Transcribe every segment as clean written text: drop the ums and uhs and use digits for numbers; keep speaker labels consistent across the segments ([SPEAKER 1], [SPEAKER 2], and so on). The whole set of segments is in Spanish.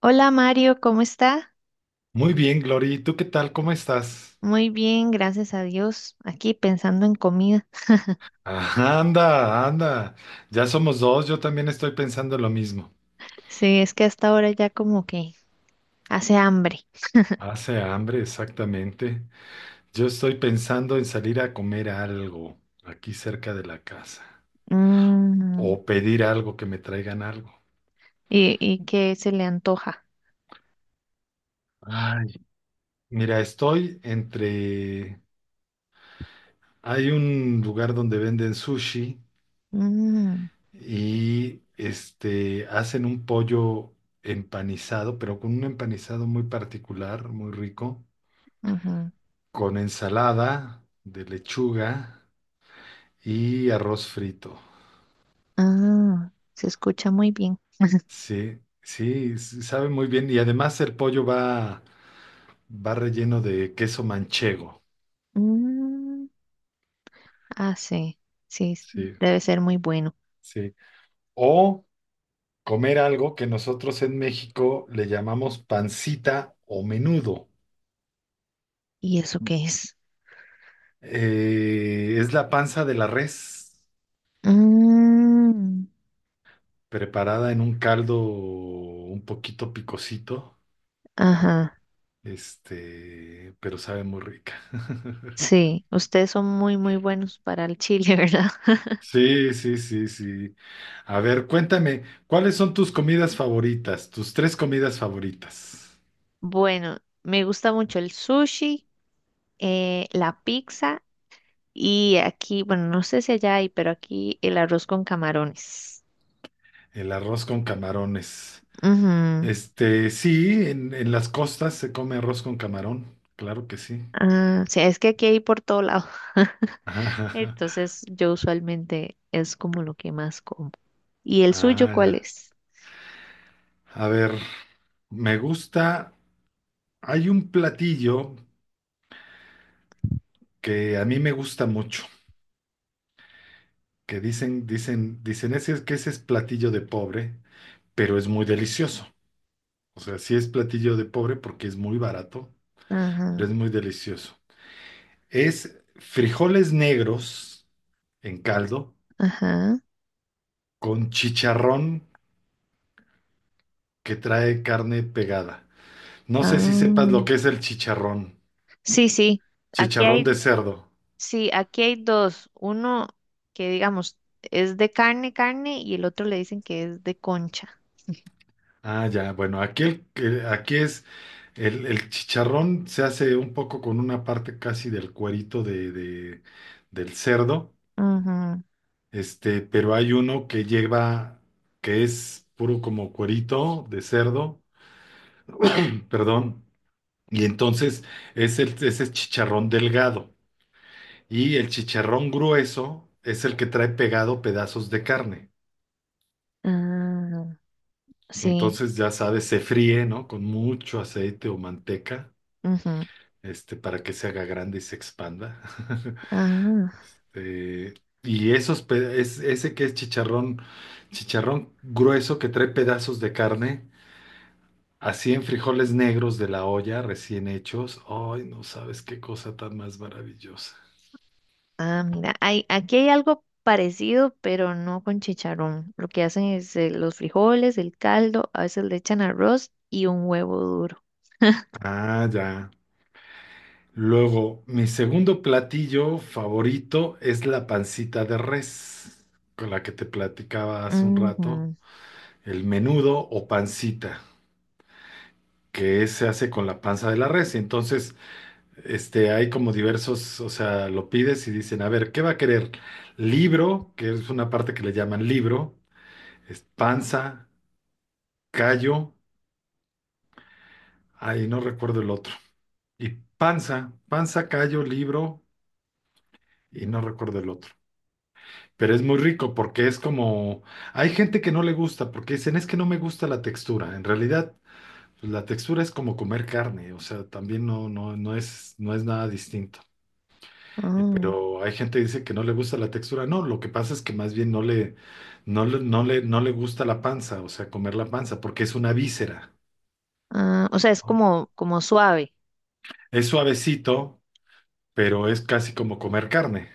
[SPEAKER 1] Hola Mario, ¿cómo está?
[SPEAKER 2] Muy bien, Glory. ¿Tú qué tal? ¿Cómo estás?
[SPEAKER 1] Muy bien, gracias a Dios. Aquí pensando en comida.
[SPEAKER 2] Ah, anda, anda. Ya somos dos. Yo también estoy pensando lo mismo.
[SPEAKER 1] Sí, es que hasta ahora ya como que hace hambre.
[SPEAKER 2] Hace hambre, exactamente. Yo estoy pensando en salir a comer algo aquí cerca de la casa
[SPEAKER 1] Mm.
[SPEAKER 2] o pedir algo que me traigan algo.
[SPEAKER 1] ¿Y qué se le antoja?
[SPEAKER 2] Ay, mira, estoy entre... Hay un lugar donde venden sushi
[SPEAKER 1] Mm,
[SPEAKER 2] y hacen un pollo empanizado, pero con un empanizado muy particular, muy rico.
[SPEAKER 1] ujú.
[SPEAKER 2] Con ensalada de lechuga y arroz frito.
[SPEAKER 1] Ah, se escucha muy bien.
[SPEAKER 2] Sí, sí, sabe muy bien. Y además el pollo va, va relleno de queso manchego.
[SPEAKER 1] Mm, ah, sí, sí,
[SPEAKER 2] Sí,
[SPEAKER 1] debe ser muy bueno.
[SPEAKER 2] sí. O comer algo que nosotros en México le llamamos pancita o menudo.
[SPEAKER 1] ¿Y eso qué es?
[SPEAKER 2] Es la panza de la res
[SPEAKER 1] Mm,
[SPEAKER 2] preparada en un caldo un poquito picosito,
[SPEAKER 1] ajá,
[SPEAKER 2] pero sabe muy rica.
[SPEAKER 1] sí, ustedes son muy buenos para el chile, ¿verdad?
[SPEAKER 2] Sí, sí, sí, sí. A ver, cuéntame, ¿cuáles son tus comidas favoritas? Tus tres comidas favoritas.
[SPEAKER 1] Bueno, me gusta mucho el sushi, la pizza y aquí, bueno, no sé si allá hay, pero aquí el arroz con camarones.
[SPEAKER 2] El arroz con camarones.
[SPEAKER 1] Ujú.
[SPEAKER 2] Sí, en las costas se come arroz con camarón, claro que sí.
[SPEAKER 1] Ah, sí, es que aquí hay por todo lado. Entonces, yo usualmente es como lo que más como. ¿Y el suyo
[SPEAKER 2] Ah,
[SPEAKER 1] cuál
[SPEAKER 2] ya.
[SPEAKER 1] es?
[SPEAKER 2] A ver, me gusta, hay un platillo que a mí me gusta mucho, que dicen ese, que ese es platillo de pobre, pero es muy delicioso. O sea, sí es platillo de pobre porque es muy barato,
[SPEAKER 1] Ajá,
[SPEAKER 2] pero es muy delicioso. Es frijoles negros en caldo
[SPEAKER 1] ajá.
[SPEAKER 2] con chicharrón que trae carne pegada. No sé si sepas
[SPEAKER 1] Ah,
[SPEAKER 2] lo que es el chicharrón.
[SPEAKER 1] sí, sí. Aquí
[SPEAKER 2] Chicharrón de
[SPEAKER 1] hay,
[SPEAKER 2] cerdo.
[SPEAKER 1] sí, aquí hay dos. Uno que digamos es de carne, carne, y el otro le dicen que es de concha.
[SPEAKER 2] Ah, ya, bueno, aquí, aquí es el chicharrón se hace un poco con una parte casi del cuerito del cerdo,
[SPEAKER 1] Ajá.
[SPEAKER 2] pero hay uno que lleva, que es puro como cuerito de cerdo perdón, y entonces es es el chicharrón delgado. Y el chicharrón grueso es el que trae pegado pedazos de carne.
[SPEAKER 1] Ah, sí.
[SPEAKER 2] Entonces, ya sabes, se fríe, ¿no? Con mucho aceite o manteca,
[SPEAKER 1] Ujú.
[SPEAKER 2] para que se haga grande y se expanda.
[SPEAKER 1] Ah,
[SPEAKER 2] Eh, y esos, ese que es chicharrón, chicharrón grueso que trae pedazos de carne, así en frijoles negros de la olla, recién hechos. Ay, no sabes qué cosa tan más maravillosa.
[SPEAKER 1] ah, mira, hay, aquí hay algo parecido, pero no con chicharrón. Lo que hacen es los frijoles, el caldo, a veces le echan arroz y un huevo duro.
[SPEAKER 2] Ah, ya. Luego, mi segundo platillo favorito es la pancita de res, con la que te platicaba hace un rato,
[SPEAKER 1] Ujú.
[SPEAKER 2] el menudo o pancita, que se hace con la panza de la res. Y entonces, hay como diversos, o sea, lo pides y dicen, a ver, ¿qué va a querer? Libro, que es una parte que le llaman libro, es panza, callo, ahí no recuerdo el otro. Y panza, panza, callo, libro, y no recuerdo el otro. Pero es muy rico porque es como, hay gente que no le gusta porque dicen es que no me gusta la textura. En realidad, pues, la textura es como comer carne, o sea, también no, no, no es nada distinto.
[SPEAKER 1] Ah,
[SPEAKER 2] Pero hay gente que dice que no le gusta la textura. No, lo que pasa es que más bien no le gusta la panza, o sea, comer la panza, porque es una víscera.
[SPEAKER 1] ah, o sea, es
[SPEAKER 2] ¿No?
[SPEAKER 1] como, como suave.
[SPEAKER 2] Es suavecito, pero es casi como comer carne.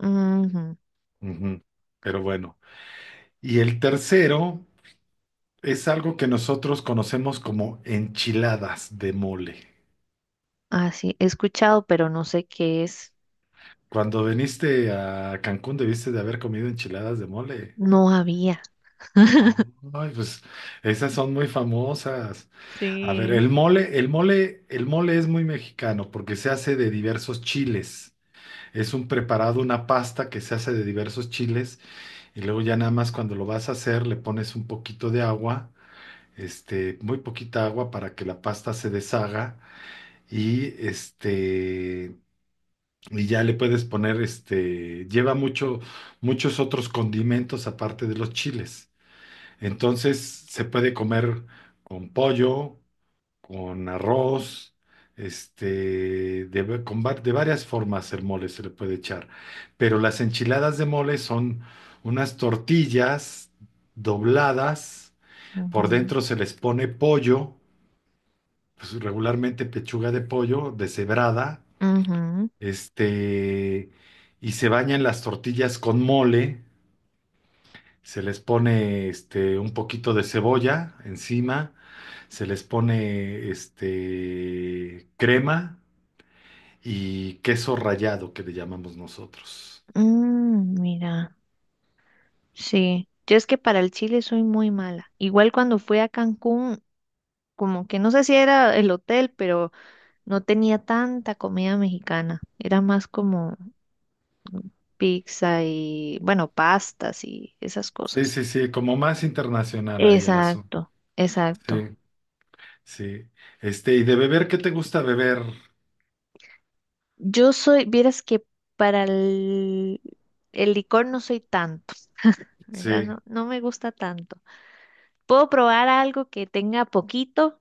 [SPEAKER 1] Ujú.
[SPEAKER 2] Ujú. Pero bueno. Y el tercero. Es algo que nosotros conocemos como enchiladas de mole.
[SPEAKER 1] Ah, sí, he escuchado, pero no sé qué es.
[SPEAKER 2] Cuando viniste a Cancún debiste de haber comido enchiladas de mole.
[SPEAKER 1] No había.
[SPEAKER 2] Oh, ay, pues esas son muy famosas. A ver,
[SPEAKER 1] Sí.
[SPEAKER 2] el mole es muy mexicano porque se hace de diversos chiles. Es un preparado, una pasta que se hace de diversos chiles y luego ya nada más cuando lo vas a hacer le pones un poquito de agua, muy poquita agua para que la pasta se deshaga. Y este, y ya le puedes poner lleva mucho, muchos otros condimentos aparte de los chiles. Entonces se puede comer con pollo, con arroz, este, de, va- con va- de varias formas el mole se le puede echar. Pero las enchiladas de mole son unas tortillas dobladas, por
[SPEAKER 1] Ujú.
[SPEAKER 2] dentro se les pone pollo, pues regularmente pechuga de pollo deshebrada,
[SPEAKER 1] Ujú.
[SPEAKER 2] este, y se bañan las tortillas con mole, se les pone un poquito de cebolla encima, se les pone crema y queso rallado que le llamamos nosotros.
[SPEAKER 1] Mm, mira, sí. Yo es que para el chile soy muy mala. Igual cuando fui a Cancún, como que no sé si era el hotel, pero no tenía tanta comida mexicana. Era más como pizza y, bueno, pastas y esas
[SPEAKER 2] Sí,
[SPEAKER 1] cosas.
[SPEAKER 2] sí, sí, como más internacional ahí el asunto.
[SPEAKER 1] Exacto, exacto.
[SPEAKER 2] Sí, sí. Y de beber, ¿qué te gusta beber?
[SPEAKER 1] Yo soy, vieras que para el licor no soy tanto, ¿verdad?
[SPEAKER 2] Sí.
[SPEAKER 1] No, no me gusta tanto. Puedo probar algo que tenga poquito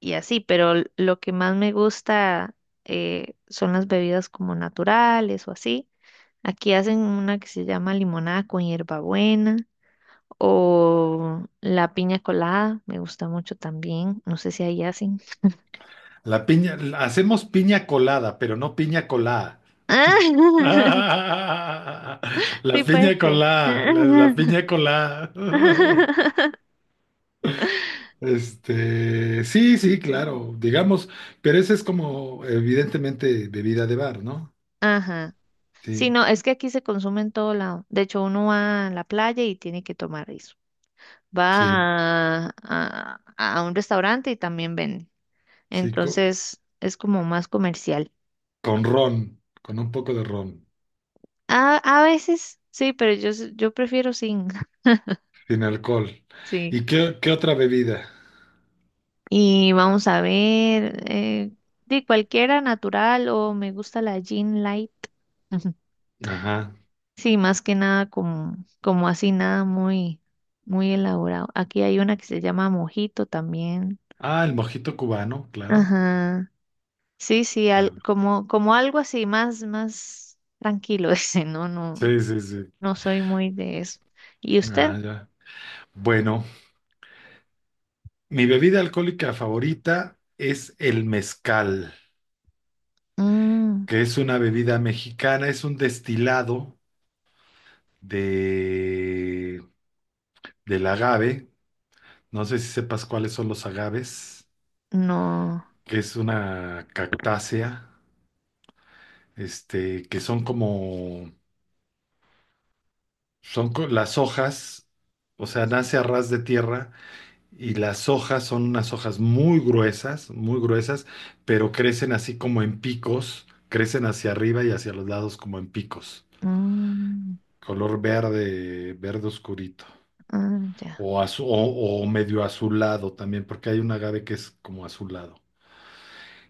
[SPEAKER 1] y así, pero lo que más me gusta, son las bebidas como naturales o así. Aquí hacen una que se llama limonada con hierbabuena o la piña colada, me gusta mucho también, no sé si ahí hacen.
[SPEAKER 2] La piña, hacemos piña colada, pero no piña colada. La
[SPEAKER 1] Sí, puede
[SPEAKER 2] piña
[SPEAKER 1] ser.
[SPEAKER 2] colada, la piña colada. Sí, sí, claro, digamos, pero ese es como evidentemente bebida de bar, ¿no?
[SPEAKER 1] Ajá. Sí,
[SPEAKER 2] Sí,
[SPEAKER 1] no, es que aquí se consume en todo lado. De hecho, uno va a la playa y tiene que tomar eso.
[SPEAKER 2] sí,
[SPEAKER 1] Va a un restaurante y también vende.
[SPEAKER 2] sí,
[SPEAKER 1] Entonces, es como más comercial.
[SPEAKER 2] ron, con un poco de ron,
[SPEAKER 1] A veces, sí, pero yo prefiero sin.
[SPEAKER 2] sin alcohol.
[SPEAKER 1] Sí.
[SPEAKER 2] ¿Y qué otra bebida?
[SPEAKER 1] Y vamos a ver, de cualquiera natural o me gusta la Jean Light.
[SPEAKER 2] Ajá.
[SPEAKER 1] Sí, más que nada como, como así, nada muy elaborado. Aquí hay una que se llama mojito también.
[SPEAKER 2] Ah, el mojito cubano, claro,
[SPEAKER 1] Ajá. Sí, sí,
[SPEAKER 2] claro.
[SPEAKER 1] como, como algo así, más tranquilo ese, no,
[SPEAKER 2] Sí, sí, sí.
[SPEAKER 1] no soy muy de eso. ¿Y usted?
[SPEAKER 2] Ah, ya. Bueno, mi bebida alcohólica favorita es el mezcal,
[SPEAKER 1] Mm,
[SPEAKER 2] que es una bebida mexicana, es un destilado de, del agave. No sé si sepas cuáles son los agaves,
[SPEAKER 1] no.
[SPEAKER 2] que es una cactácea, que son como, las hojas, o sea, nace a ras de tierra y las hojas son unas hojas muy gruesas, pero crecen así como en picos, crecen hacia arriba y hacia los lados como en picos,
[SPEAKER 1] Mm,
[SPEAKER 2] color verde, verde oscurito.
[SPEAKER 1] ah, ya.
[SPEAKER 2] O, o medio azulado también, porque hay un agave que es como azulado.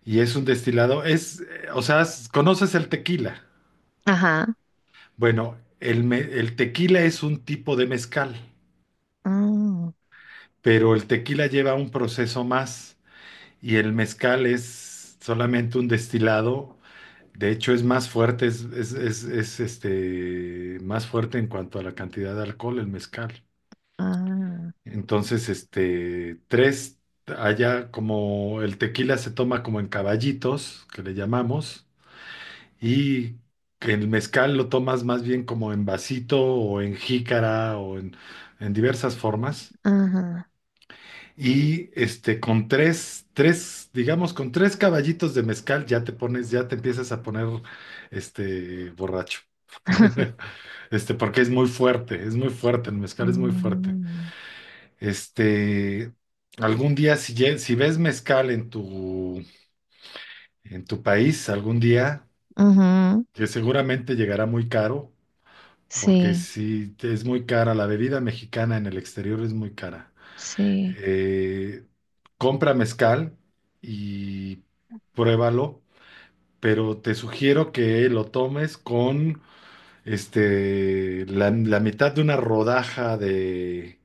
[SPEAKER 2] Y es un destilado, o sea, ¿conoces el tequila?
[SPEAKER 1] Ajá.
[SPEAKER 2] Bueno, el tequila es un tipo de mezcal,
[SPEAKER 1] Mm,
[SPEAKER 2] pero el tequila lleva un proceso más y el mezcal es solamente un destilado. De hecho, es más fuerte, más fuerte en cuanto a la cantidad de alcohol, el mezcal.
[SPEAKER 1] ah,
[SPEAKER 2] Entonces, allá como el tequila se toma como en caballitos, que le llamamos, y que el mezcal lo tomas más bien como en vasito o en jícara en diversas formas.
[SPEAKER 1] ajá.
[SPEAKER 2] Con digamos, con tres caballitos de mezcal ya te pones, ya te empiezas a poner, borracho. Porque es muy fuerte, el mezcal es muy fuerte.
[SPEAKER 1] Mm,
[SPEAKER 2] Este, Algún día, si ves mezcal en tu país, algún día,
[SPEAKER 1] ujú.
[SPEAKER 2] que seguramente llegará muy caro, porque
[SPEAKER 1] Sí,
[SPEAKER 2] si es muy cara, la bebida mexicana en el exterior es muy cara.
[SPEAKER 1] sí.
[SPEAKER 2] Eh, Compra mezcal y pruébalo, pero te sugiero que lo tomes con la mitad de una rodaja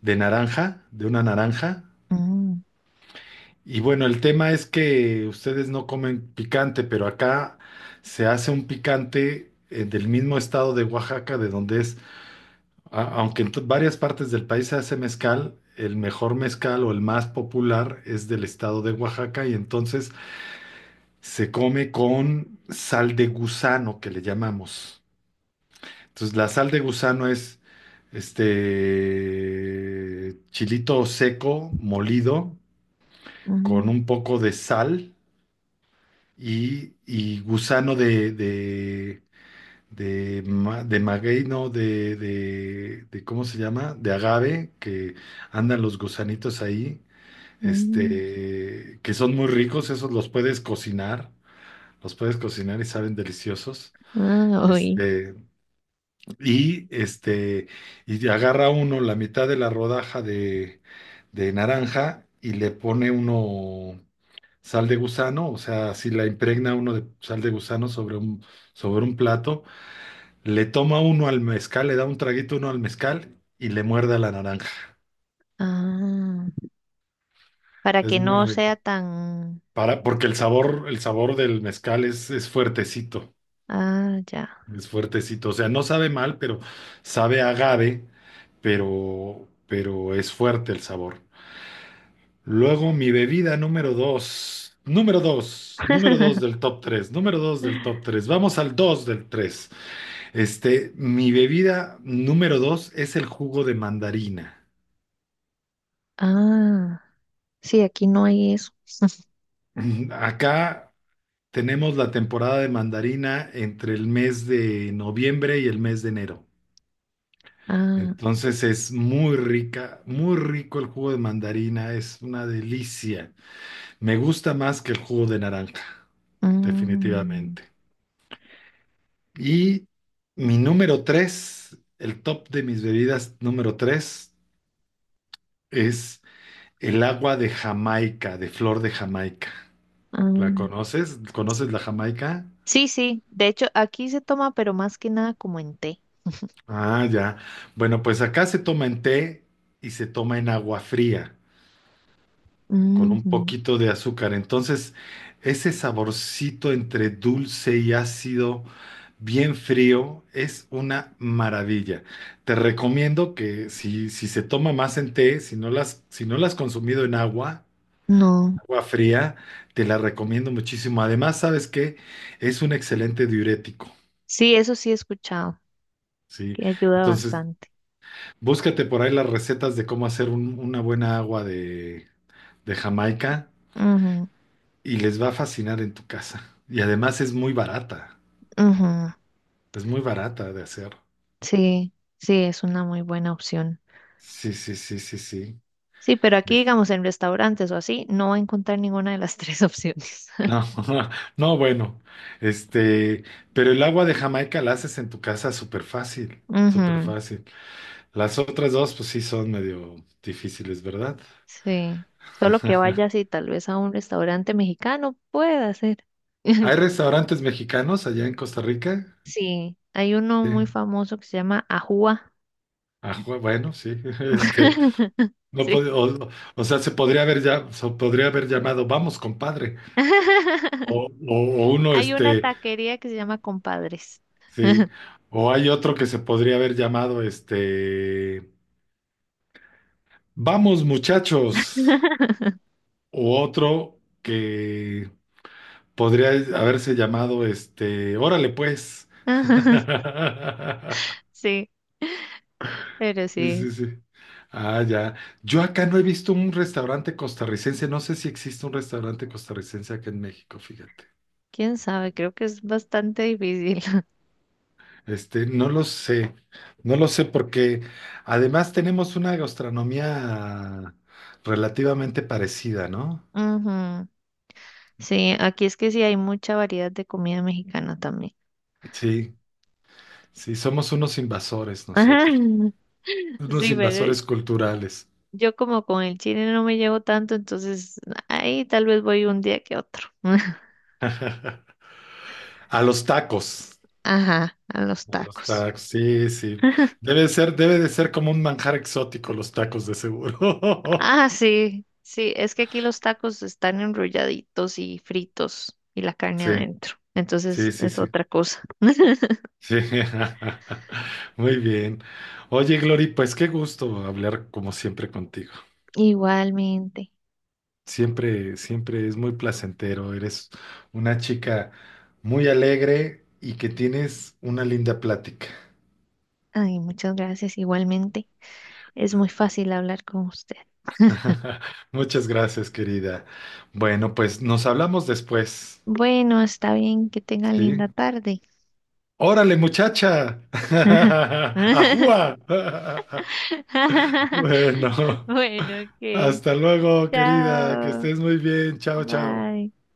[SPEAKER 2] de naranja, de una naranja.
[SPEAKER 1] Mm,
[SPEAKER 2] Y bueno, el tema es que ustedes no comen picante, pero acá se hace un picante del mismo estado de Oaxaca, de donde es, varias partes del país se hace mezcal, el mejor mezcal o el más popular es del estado de Oaxaca y entonces se come con sal de gusano, que le llamamos. Entonces la sal de gusano es este chilito seco, molido, con
[SPEAKER 1] mm,
[SPEAKER 2] un poco de sal y gusano de maguey, no, ¿cómo se llama? De agave, que andan los gusanitos ahí,
[SPEAKER 1] mm,
[SPEAKER 2] que son muy ricos, esos los puedes cocinar y saben deliciosos.
[SPEAKER 1] ah, uy,
[SPEAKER 2] Este, y este, y agarra uno la mitad de la rodaja de naranja y le pone uno sal de gusano, o sea, si la impregna uno de sal de gusano sobre un plato, le toma uno al mezcal, le da un traguito uno al mezcal y le muerde a la naranja.
[SPEAKER 1] ah, para
[SPEAKER 2] Es
[SPEAKER 1] que
[SPEAKER 2] muy
[SPEAKER 1] no
[SPEAKER 2] rico.
[SPEAKER 1] sea tan...
[SPEAKER 2] Para, porque el sabor del mezcal es fuertecito,
[SPEAKER 1] Ah, ya.
[SPEAKER 2] es fuertecito. O sea, no sabe mal, pero sabe a agave, pero es fuerte el sabor. Luego, mi bebida número dos, número dos, número dos del top tres, número dos del top tres. Vamos al dos del tres. Mi bebida número dos es el jugo de mandarina.
[SPEAKER 1] Ah, sí, aquí no hay eso.
[SPEAKER 2] Mm, acá tenemos la temporada de mandarina entre el mes de noviembre y el mes de enero.
[SPEAKER 1] Ah,
[SPEAKER 2] Entonces es muy rica, muy rico el jugo de mandarina, es una delicia. Me gusta más que el jugo de naranja,
[SPEAKER 1] mm,
[SPEAKER 2] definitivamente. Y mi número tres, el top de mis bebidas número tres es el agua de Jamaica, de flor de Jamaica. ¿La
[SPEAKER 1] ah.
[SPEAKER 2] conoces? ¿Conoces la Jamaica?
[SPEAKER 1] Sí, sí. De hecho, aquí se toma, pero más que nada como en té.
[SPEAKER 2] Ah, ya. Bueno, pues acá se toma en té y se toma en agua fría, con un
[SPEAKER 1] Ujú.
[SPEAKER 2] poquito de azúcar. Entonces, ese saborcito entre dulce y ácido, bien frío, es una maravilla. Te recomiendo que si, si se toma más en té, si no la has consumido en agua,
[SPEAKER 1] No.
[SPEAKER 2] agua fría, te la recomiendo muchísimo. Además, ¿sabes qué? Es un excelente diurético.
[SPEAKER 1] Sí, eso sí he escuchado,
[SPEAKER 2] Sí,
[SPEAKER 1] que ayuda
[SPEAKER 2] entonces
[SPEAKER 1] bastante.
[SPEAKER 2] búscate por ahí las recetas de cómo hacer una buena agua de Jamaica
[SPEAKER 1] Ujú,
[SPEAKER 2] y les va a fascinar en tu casa. Y además
[SPEAKER 1] ujú.
[SPEAKER 2] es muy barata de hacer.
[SPEAKER 1] Sí, sí, es una muy buena opción.
[SPEAKER 2] Sí, sí, sí, sí, sí.
[SPEAKER 1] Sí, pero aquí,
[SPEAKER 2] Es-
[SPEAKER 1] digamos, en restaurantes o así, no va a encontrar ninguna de las tres opciones.
[SPEAKER 2] No, no, bueno, este, pero el agua de Jamaica la haces en tu casa súper fácil, súper
[SPEAKER 1] Ujú,
[SPEAKER 2] fácil. Las otras dos, pues sí, son medio difíciles, ¿verdad?
[SPEAKER 1] sí. Solo que vaya así, tal vez a un restaurante mexicano pueda ser.
[SPEAKER 2] ¿Hay restaurantes mexicanos allá en Costa Rica?
[SPEAKER 1] Sí, hay uno
[SPEAKER 2] Sí.
[SPEAKER 1] muy famoso que se llama Ajúa.
[SPEAKER 2] Ah, bueno, sí, No
[SPEAKER 1] Sí.
[SPEAKER 2] pod- o sea, se podría haber ya, se podría haber llamado, vamos, compadre. O, o- o uno,
[SPEAKER 1] Hay una
[SPEAKER 2] este,
[SPEAKER 1] taquería que se llama Compadres.
[SPEAKER 2] sí, o hay otro que se podría haber llamado, vamos, muchachos. O otro que podría haberse llamado, órale, pues.
[SPEAKER 1] Sí, pero
[SPEAKER 2] Sí,
[SPEAKER 1] sí,
[SPEAKER 2] sí, sí. Ah, ya. Yo acá no he visto un restaurante costarricense. No sé si existe un restaurante costarricense acá en México, fíjate.
[SPEAKER 1] quién sabe, creo que es bastante difícil.
[SPEAKER 2] No lo sé, no lo sé porque además tenemos una gastronomía relativamente parecida, ¿no?
[SPEAKER 1] Ujú. Sí, aquí es que sí hay mucha variedad de comida mexicana también.
[SPEAKER 2] Sí, sí, somos unos invasores
[SPEAKER 1] Ajá.
[SPEAKER 2] nosotros, unos
[SPEAKER 1] Sí, pero
[SPEAKER 2] invasores culturales.
[SPEAKER 1] yo como con el chile no me llevo tanto, entonces ahí tal vez voy un día que otro.
[SPEAKER 2] A los tacos,
[SPEAKER 1] Ajá, a los
[SPEAKER 2] a los
[SPEAKER 1] tacos.
[SPEAKER 2] tacos, sí, sí. Debe ser, debe de ser como un manjar exótico los tacos de seguro.
[SPEAKER 1] Ah, sí, sí, es que aquí los tacos están enrolladitos y fritos y la carne
[SPEAKER 2] Sí,
[SPEAKER 1] adentro.
[SPEAKER 2] sí,
[SPEAKER 1] Entonces
[SPEAKER 2] sí,
[SPEAKER 1] es
[SPEAKER 2] sí.
[SPEAKER 1] otra cosa.
[SPEAKER 2] Sí. Muy bien. Oye, Glory, pues qué gusto hablar como siempre contigo.
[SPEAKER 1] Igualmente.
[SPEAKER 2] Siempre, siempre es muy placentero. Eres una chica muy alegre y que tienes una linda plática.
[SPEAKER 1] Ay, muchas gracias. Igualmente. Es muy fácil hablar con usted.
[SPEAKER 2] Muchas gracias, querida. Bueno, pues nos hablamos después,
[SPEAKER 1] Bueno, está bien. Que tenga
[SPEAKER 2] ¿sí?
[SPEAKER 1] linda tarde.
[SPEAKER 2] Órale, muchacha. Ajúa. Bueno,
[SPEAKER 1] Bueno, ok.
[SPEAKER 2] hasta luego, querida. Que
[SPEAKER 1] Chao.
[SPEAKER 2] estés muy bien. Chao, chao.
[SPEAKER 1] Bye.